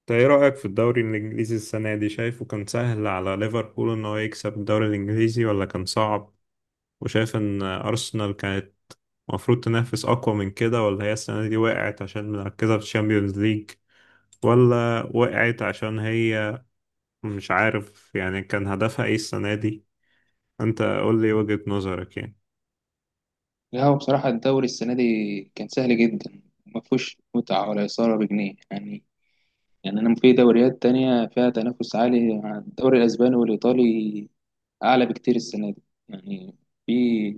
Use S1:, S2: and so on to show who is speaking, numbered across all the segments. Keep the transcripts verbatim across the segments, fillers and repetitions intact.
S1: انت ايه رأيك في الدوري الانجليزي السنة دي؟ شايفه كان سهل على ليفربول ان هو يكسب الدوري الانجليزي ولا كان صعب؟ وشايف ان ارسنال كانت المفروض تنافس اقوى من كده، ولا هي السنة دي وقعت عشان مركزة في الشامبيونز ليج، ولا وقعت عشان هي مش عارف؟ يعني كان هدفها ايه السنة دي؟ انت قول لي وجهة نظرك يعني.
S2: لا، هو بصراحة الدوري السنة دي كان سهل جدا وما فيهوش متعة ولا إثارة بجنيه يعني يعني أنا في دوريات تانية فيها تنافس عالي، الدوري الأسباني والإيطالي أعلى بكتير السنة دي. يعني في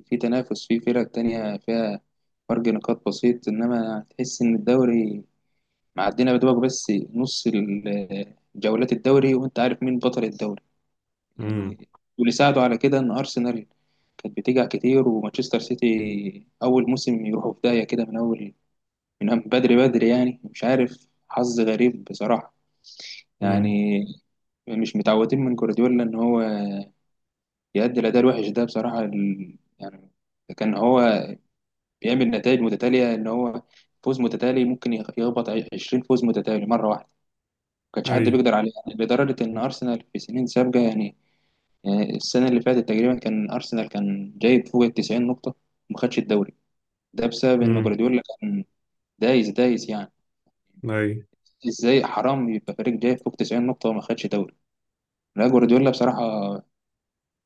S2: في تنافس، في فرق تانية فيها فرق نقاط بسيط، إنما تحس إن الدوري معدينا بدوبك بس نص ال- جولات الدوري وأنت عارف مين بطل الدوري
S1: امم.
S2: يعني. واللي ساعده على كده إن أرسنال كانت بتيجي كتير، ومانشستر سيتي اول موسم يروحوا في داهيه كده من اول، من بدري بدري يعني، مش عارف، حظ غريب بصراحه
S1: امم.
S2: يعني. مش متعودين من جوارديولا ان هو يأدي الاداء الوحش ده بصراحه ال... يعني. كان هو بيعمل نتائج متتاليه، ان هو فوز متتالي، ممكن يخ- يخبط عشرين فوز متتالي مره واحده، ما كانش
S1: اي.
S2: حد بيقدر عليه يعني، لدرجه ان ارسنال في سنين سابقه يعني. يعني السنه اللي فاتت تقريبا كان ارسنال كان جايب فوق ال تسعين نقطه وما خدش الدوري، ده بسبب ان
S1: امم.
S2: جوارديولا كان دايس دايس يعني.
S1: اي.
S2: ازاي حرام يبقى فريق جاي فوق تسعين نقطة وما خدش دوري؟ لا، جوارديولا بصراحة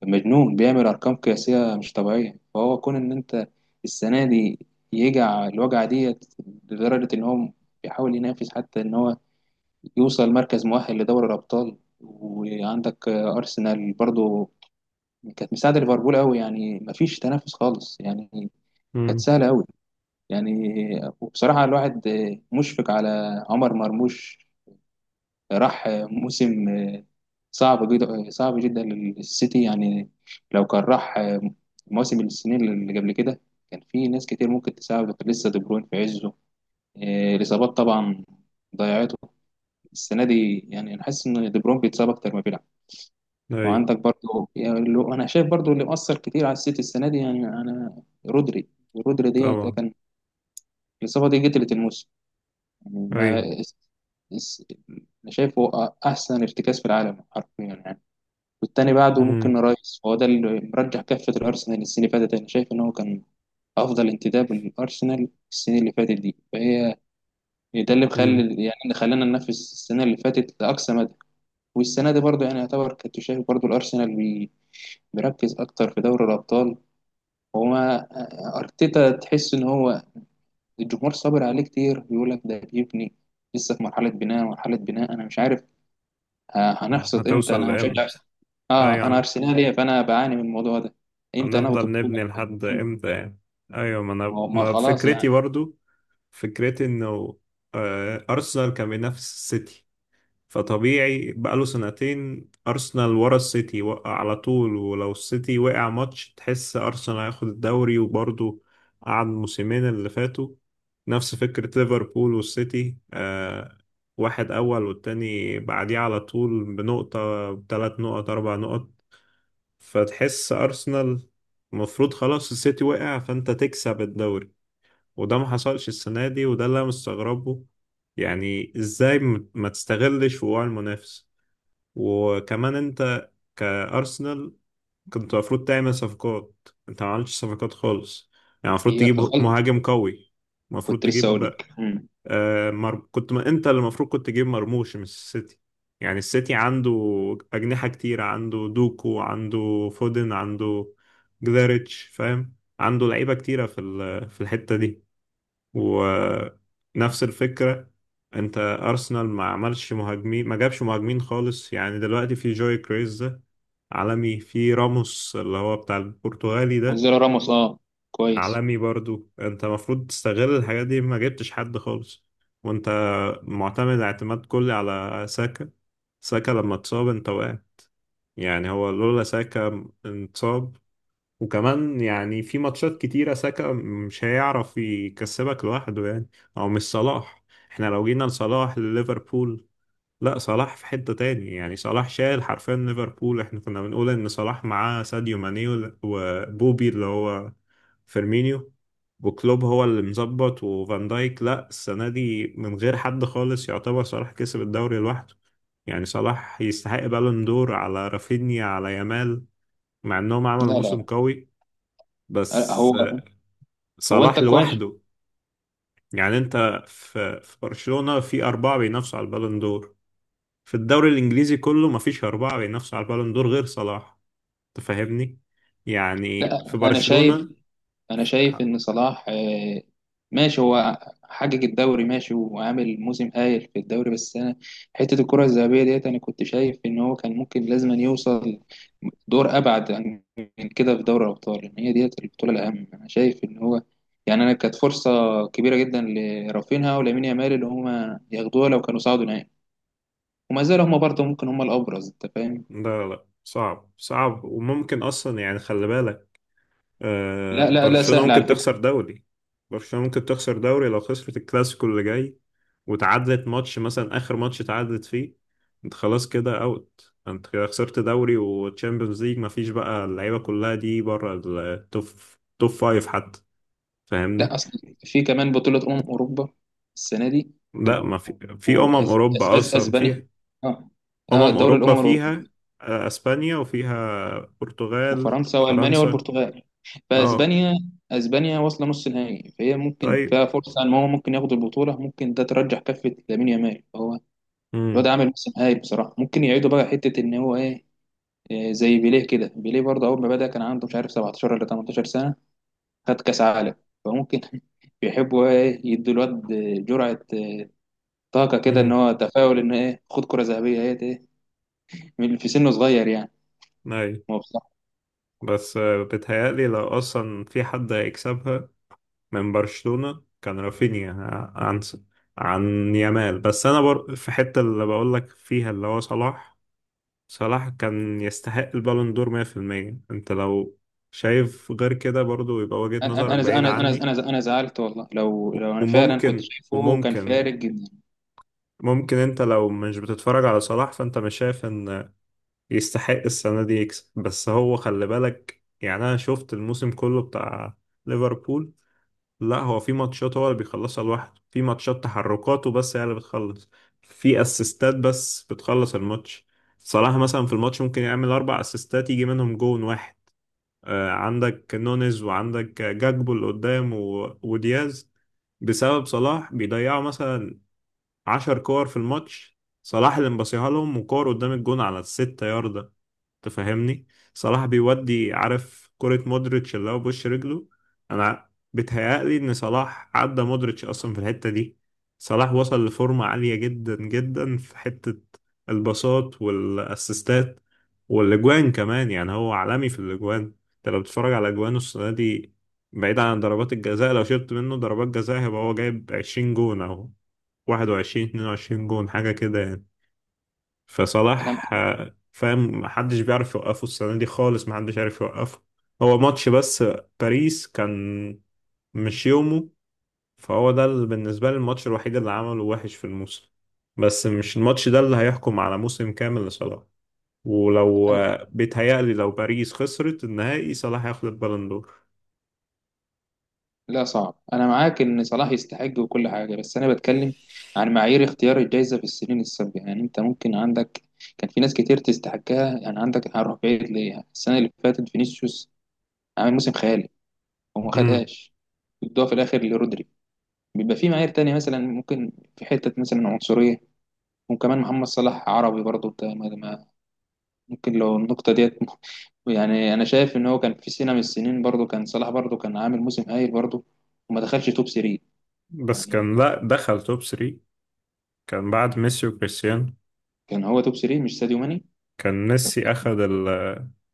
S2: مجنون، بيعمل ارقام قياسية مش طبيعية. فهو كون ان انت السنة دي يجع الوجعة ديت، لدرجة ان هو بيحاول ينافس حتى ان هو يوصل مركز مؤهل لدوري الابطال. وعندك ارسنال برضو كانت مساعدة ليفربول قوي، يعني مفيش تنافس خالص يعني، كانت
S1: امم.
S2: سهلة قوي يعني. وبصراحة الواحد مشفق على عمر مرموش، راح موسم صعب جدا صعب جدا للسيتي يعني. لو كان راح موسم السنين اللي قبل كده كان في ناس كتير ممكن تساعده، كان لسه دي بروين في عزه، إيه، الإصابات طبعا ضيعته السنة دي. يعني أنا حاسس إن دي بروين بيتصاب أكتر ما بيلعب.
S1: اي.
S2: وعندك برضه يعني لو- أنا شايف برضه اللي مأثر كتير على السيتي السنة دي، يعني أنا رودري، رودري ديت
S1: طبعا.
S2: كان الإصابة دي قتلت الموسم يعني.
S1: اي.
S2: ما اس- أنا شايفه أحسن ارتكاز في العالم حرفيا يعني. والتاني بعده
S1: امم.
S2: ممكن رايس، فهو ده اللي مرجح كفة الأرسنال السنة اللي فاتت. أنا شايف إن هو كان أفضل انتداب للأرسنال السنة اللي فاتت دي، فهي ده اللي
S1: امم.
S2: مخلي يعني اللي خلانا ننافس السنة اللي فاتت لأقصى مدى. والسنة دي برضه يعني يعتبر كنت شايف برضه الأرسنال بي- بيركز أكتر في دوري الأبطال. وما أرتيتا، تحس إن هو الجمهور صابر عليه كتير، بيقول لك ده بيبني، لسه في مرحلة بناء، مرحلة بناء. أنا مش عارف آه هنحصد امتى،
S1: هتوصل
S2: انا مشجع.
S1: لامتى؟ اي
S2: اه، انا
S1: يعني،
S2: ارسنالي فانا بعاني من الموضوع ده، امتى ناخد
S1: هنفضل
S2: بطوله.
S1: نبني لحد
S2: مم.
S1: امتى يعني؟ ايوه، ما
S2: ما
S1: انا
S2: هو- ما
S1: ما
S2: خلاص
S1: فكرتي
S2: يعني.
S1: برضو، فكرتي انه آه، ارسنال كان بينافس السيتي، فطبيعي بقاله سنتين ارسنال ورا السيتي. وقع على طول، ولو السيتي وقع ماتش تحس ارسنال هياخد الدوري. وبرضو قعد موسمين اللي فاتوا نفس فكرة ليفربول والسيتي، آه، واحد اول والتاني بعديه على طول بنقطة، بثلاث نقط، اربع نقط. فتحس أرسنال المفروض خلاص السيتي وقع فأنت تكسب الدوري، وده ما حصلش السنة دي، وده اللي أنا مستغربه. يعني إزاي م- ما تستغلش وقوع المنافس؟ وكمان أنت كأرسنال كنت المفروض تعمل صفقات. أنت ما عملتش صفقات خالص. يعني المفروض
S2: هي
S1: تجيب
S2: غلط.
S1: مهاجم قوي، المفروض
S2: كنت لسه اقول
S1: تجيب
S2: لك. مم.
S1: آه، مر... كنت ما... انت اللي المفروض كنت تجيب مرموش مش السيتي. يعني السيتي عنده أجنحة كتيرة، عنده دوكو، عنده فودن، عنده جداريتش، فاهم؟ عنده لعيبة كتيرة في ال... في الحتة دي. ونفس الفكرة، انت أرسنال ما عملش مهاجمين، ما جابش مهاجمين خالص. يعني دلوقتي في جوي كريز ده، عالمي. في راموس اللي هو بتاع البرتغالي ده،
S2: وزيرو راموس، اه كويس.
S1: عالمي برضو. انت المفروض تستغل الحاجات دي، ما جبتش حد خالص. وانت معتمد اعتماد كلي على ساكا. ساكا لما اتصاب انت وقع. يعني هو لولا ساكا اتصاب، وكمان يعني في ماتشات كتيرة ساكا مش هيعرف يكسبك لوحده يعني. او مش صلاح، احنا لو جينا لصلاح لليفربول، لا صلاح في حتة تاني. يعني صلاح شايل حرفيا ليفربول. احنا كنا بنقول ان صلاح معاه ساديو ماني وبوبي اللي هو فيرمينيو، وكلوب هو اللي مظبط، وفان دايك. لا السنة دي من غير حد خالص، يعتبر صلاح كسب الدوري لوحده. يعني صلاح يستحق بالون دور على رافينيا، على يامال، مع انهم عملوا
S2: لا
S1: موسم
S2: لا،
S1: قوي،
S2: آه،
S1: بس
S2: هو، هو انت
S1: صلاح
S2: كويس.
S1: لوحده. يعني انت، في في برشلونة في أربعة بينافسوا على البالون دور، في الدوري الإنجليزي كله مفيش أربعة بينافسوا على البالون دور غير صلاح. تفهمني؟ يعني في
S2: لا، انا شايف،
S1: برشلونة.
S2: انا شايف ان صلاح، آه، ماشي هو حقق الدوري ماشي، وعامل موسم هايل في الدوري. بس انا حته الكره الذهبيه ديت انا كنت شايف ان هو كان ممكن لازم أن يوصل دور ابعد عن- من كده في دوري الابطال، ان هي ديت البطوله الاهم. انا شايف ان هو يعني انا كانت فرصه كبيره جدا لرافينها ولامين يامال، اللي هما ياخدوها لو كانوا صعدوا نهائي. وما زالوا هما برضه ممكن هما الابرز، انت فاهم.
S1: لا لا لا، صعب صعب، وممكن اصلا يعني، خلي بالك،
S2: لا
S1: آه،
S2: لا لا،
S1: برشلونة
S2: سهل على
S1: ممكن
S2: فكره.
S1: تخسر دوري. برشلونة ممكن تخسر دوري لو خسرت الكلاسيكو اللي جاي، وتعادلت ماتش مثلا، اخر ماتش تعادلت فيه انت خلاص كده اوت. انت كده خسرت دوري وتشامبيونز ليج، مفيش بقى اللعيبه كلها دي بره التوب، توب فايف حتى.
S2: لا
S1: فاهمني؟
S2: اصل في كمان بطوله امم اوروبا السنه دي،
S1: لا ما في في امم
S2: وأس... أس...
S1: اوروبا
S2: أس...
S1: اصلا
S2: اسبانيا.
S1: فيها،
S2: اه. اه،
S1: امم
S2: دوري الامم
S1: اوروبا
S2: الاوروبيه،
S1: فيها آه، اسبانيا، وفيها برتغال،
S2: وفرنسا والمانيا
S1: فرنسا.
S2: والبرتغال.
S1: اه
S2: فاسبانيا، اسبانيا واصله نص نهائي، فهي ممكن
S1: طيب.
S2: فيها فرصه ان هو ممكن ياخد البطوله، ممكن ده ترجح كفه لامين يامال. فهو الواد
S1: امم.
S2: عامل موسم هايل بصراحه، ممكن يعيدوا بقى حته ان هو ايه، إيه زي بيليه كده، بيليه برضه اول ما بدا كان عنده مش عارف سبعة عشر ولا تمنتاشر سنة سنه، خد كاس عالم، فممكن بيحبوا ايه يدوا الواد جرعه، إيه، طاقه كده ان
S1: امم.
S2: هو تفاؤل ان ايه، خد كره ذهبيه ايه، إيه، من- في سنه صغير يعني.
S1: اي. بس آه، بتهيألي لو اصلا في حد هيكسبها من برشلونة كان رافينيا ع- عن س- عن يامال. بس انا بر... في حتة اللي بقول لك فيها، اللي هو صلاح. صلاح كان يستحق البالون دور مية في المية. انت لو شايف غير كده برضو يبقى وجهة
S2: انا انا
S1: نظرك
S2: انا
S1: بعيد
S2: انا
S1: عني.
S2: انا انا أنا زعلت والله، لو
S1: و-
S2: لو انا فعلا كنت
S1: وممكن
S2: شايفه كان
S1: وممكن
S2: فارق جدا.
S1: ممكن انت لو مش بتتفرج على صلاح فانت مش شايف ان يستحق السنة دي يكسب. بس هو خلي بالك، يعني أنا شفت الموسم كله بتاع ليفربول. لا هو في ماتشات هو اللي بيخلصها لوحده، في ماتشات تحركاته بس هي اللي بتخلص، في أسيستات بس بتخلص الماتش. صلاح مثلا في الماتش ممكن يعمل أربع أسيستات، يجي منهم جون واحد. آه، عندك نونيز، وعندك جاكبو اللي قدام، و... ودياز، بسبب صلاح بيضيعوا مثلا عشر كور في الماتش. صلاح اللي مبصيها لهم، وكور قدام الجون على الستة ياردة. تفهمني؟ صلاح بيودي، عارف كرة مودريتش اللي هو بوش رجله؟ انا بتهيألي ان صلاح عدى مودريتش اصلا في الحتة دي. صلاح وصل لفورمة عالية جدا جدا في حتة الباصات والاسيستات والاجوان كمان. يعني هو عالمي في الاجوان. انت لو بتتفرج على اجوانه السنة دي بعيد عن ضربات الجزاء، لو شلت منه ضربات جزاء هيبقى هو جايب عشرين جون، او واحد وعشرين اتنين وعشرين جون، حاجة كده يعني.
S2: انا
S1: فصلاح
S2: انا
S1: آه، فاهم، محدش بيعرف يوقفه السنة دي خالص، محدش عارف يوقفه. هو ماتش بس باريس كان مش يومه، فهو ده اللي بالنسبة لي الماتش الوحيد اللي عمله وحش في الموسم. بس مش الماتش ده اللي هيحكم على موسم كامل لصلاح. ولو
S2: أنا-
S1: آه، بيتهيألي لو باريس خسرت النهائي صلاح هياخد البالون دور.
S2: لا، صعب، انا معاك ان صلاح يستحق وكل حاجه، بس انا بتكلم عن معايير اختيار الجائزه في السنين السابقه يعني. انت ممكن عندك كان في ناس كتير تستحقها، يعني عندك، هروح بعيد ليه، السنه اللي فاتت فينيسيوس عامل موسم خيالي وما
S1: امم.
S2: خدهاش، بيدوها في الاخر لرودري. بيبقى في معايير تانية، مثلا ممكن في حته مثلا عنصريه، وكمان محمد صلاح عربي برضه، ممكن لو النقطة ديت م- يعني أنا شايف إن هو كان في سنة من السنين برضه كان صلاح برضه كان عامل موسم هايل برضه، وما دخلش توب ثلاثة.
S1: بس كان،
S2: يعني
S1: لا دخل توب تلاتة، كان بعد ميسي وكريستيانو.
S2: كان هو توب ثلاثة مش ساديو ماني،
S1: كان ميسي أخد ال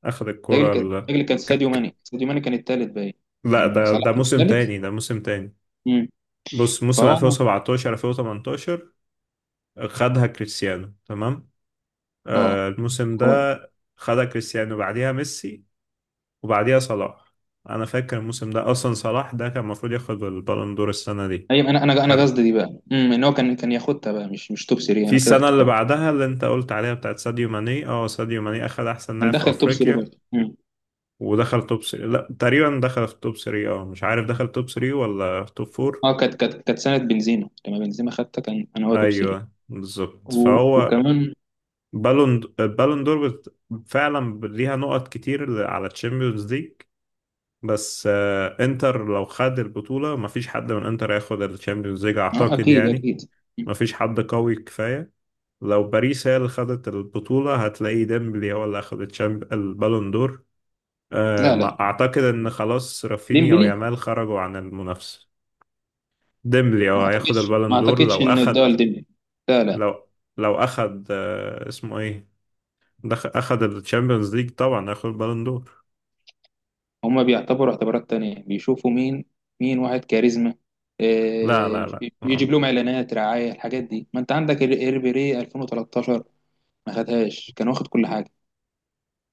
S1: أخد
S2: تاجل
S1: الكرة
S2: كان،
S1: ال...
S2: تاجل كان ساديو ماني، ساديو ماني كان التالت باين.
S1: لا،
S2: يعني
S1: ده
S2: صلاح
S1: ده
S2: كان
S1: موسم
S2: التالت.
S1: تاني، ده موسم تاني.
S2: امم،
S1: بص موسم
S2: فهو أنا،
S1: ألفين وسبعتاشر ألفين وتمنتاشر خدها كريستيانو، تمام؟
S2: أه
S1: آه الموسم ده
S2: هو،
S1: خدها كريستيانو، بعديها ميسي، وبعديها صلاح. انا فاكر الموسم ده اصلا، صلاح ده كان المفروض ياخد البالون دور السنه دي.
S2: أيوة أنا أنا أنا
S1: كان
S2: قصدي دي بقى. امم، إن هو كان كان ياخدها بقى، مش مش توب ثلاثة،
S1: في
S2: أنا كده
S1: السنه اللي
S2: افتكرت.
S1: بعدها اللي انت قلت عليها بتاعت ساديو ماني، اه ساديو ماني اخد احسن
S2: كان
S1: لاعب في
S2: دخل توب ثلاثة
S1: افريقيا،
S2: برضه، امم.
S1: ودخل توب تلاتة. لا تقريبا دخل في توب ثلاثة، اه مش عارف دخل توب تلاتة ولا توب اربعة.
S2: أه، كانت كانت كانت سنة بنزيما، لما بنزيما خدتها كان أنا هو توب ثلاثة.
S1: ايوه بالظبط.
S2: و-
S1: فهو
S2: وكمان.
S1: بالون بالون دور بت- فعلا ليها نقط كتير على تشامبيونز ليج. بس آه، انتر لو خد البطولة مفيش حد من انتر هياخد التشامبيونز ليج
S2: أه
S1: اعتقد
S2: أكيد
S1: يعني،
S2: أكيد.
S1: مفيش حد قوي كفاية. لو باريس هي اللي خدت البطولة هتلاقي ديمبلي هو اللي اخد التشامب- البالون دور. آه،
S2: لا لا،
S1: ما- اعتقد ان خلاص رافينيا
S2: ديمبلي.
S1: ويامال خرجوا عن المنافسة. ديمبلي
S2: ما
S1: هو هياخد
S2: اعتقدش ما
S1: البالون دور
S2: اعتقدش
S1: لو
S2: ان
S1: اخد.
S2: الدول ديمبلي. لا لا،
S1: لو لو اخد آه، اسمه ايه، دخ... اخذ الشامبيونز ليج طبعا اخذ البالون دور.
S2: هما بيعتبروا اعتبارات تانية، بيشوفوا مين، مين واحد كاريزما،
S1: لا لا
S2: آه،
S1: لا،
S2: يجيب لهم اعلانات رعاية، الحاجات دي. ما انت عندك ال- الريبيري ألفين وتلاتاشر ما خدهاش كان واخد كل حاجة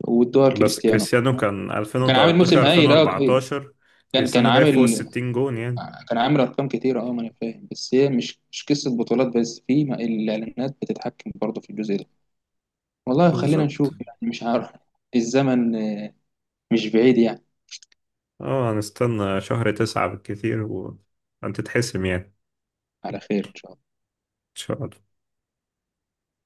S2: والدول
S1: بس
S2: كريستيانو.
S1: كريستيانو كان
S2: كان عامل موسم
S1: ألفين وتلتاشر
S2: هايل، اه، إيه.
S1: ألفين واربعتاشر،
S2: كان كان
S1: كريستيانو جاي فوق ال
S2: عامل،
S1: ستين جون يعني.
S2: كان عامل ارقام كتيرة، اه، ما انا فاهم. بس هي مش مش قصة بطولات بس، في ما- الاعلانات بتتحكم برضه في الجزء ده. والله خلينا
S1: بالظبط.
S2: نشوف يعني، مش عارف. الزمن مش بعيد يعني.
S1: اه هنستنى شهر تسعة بالكثير وانت تتحسم يعني. ان
S2: على خير إن شاء الله.
S1: شاء الله.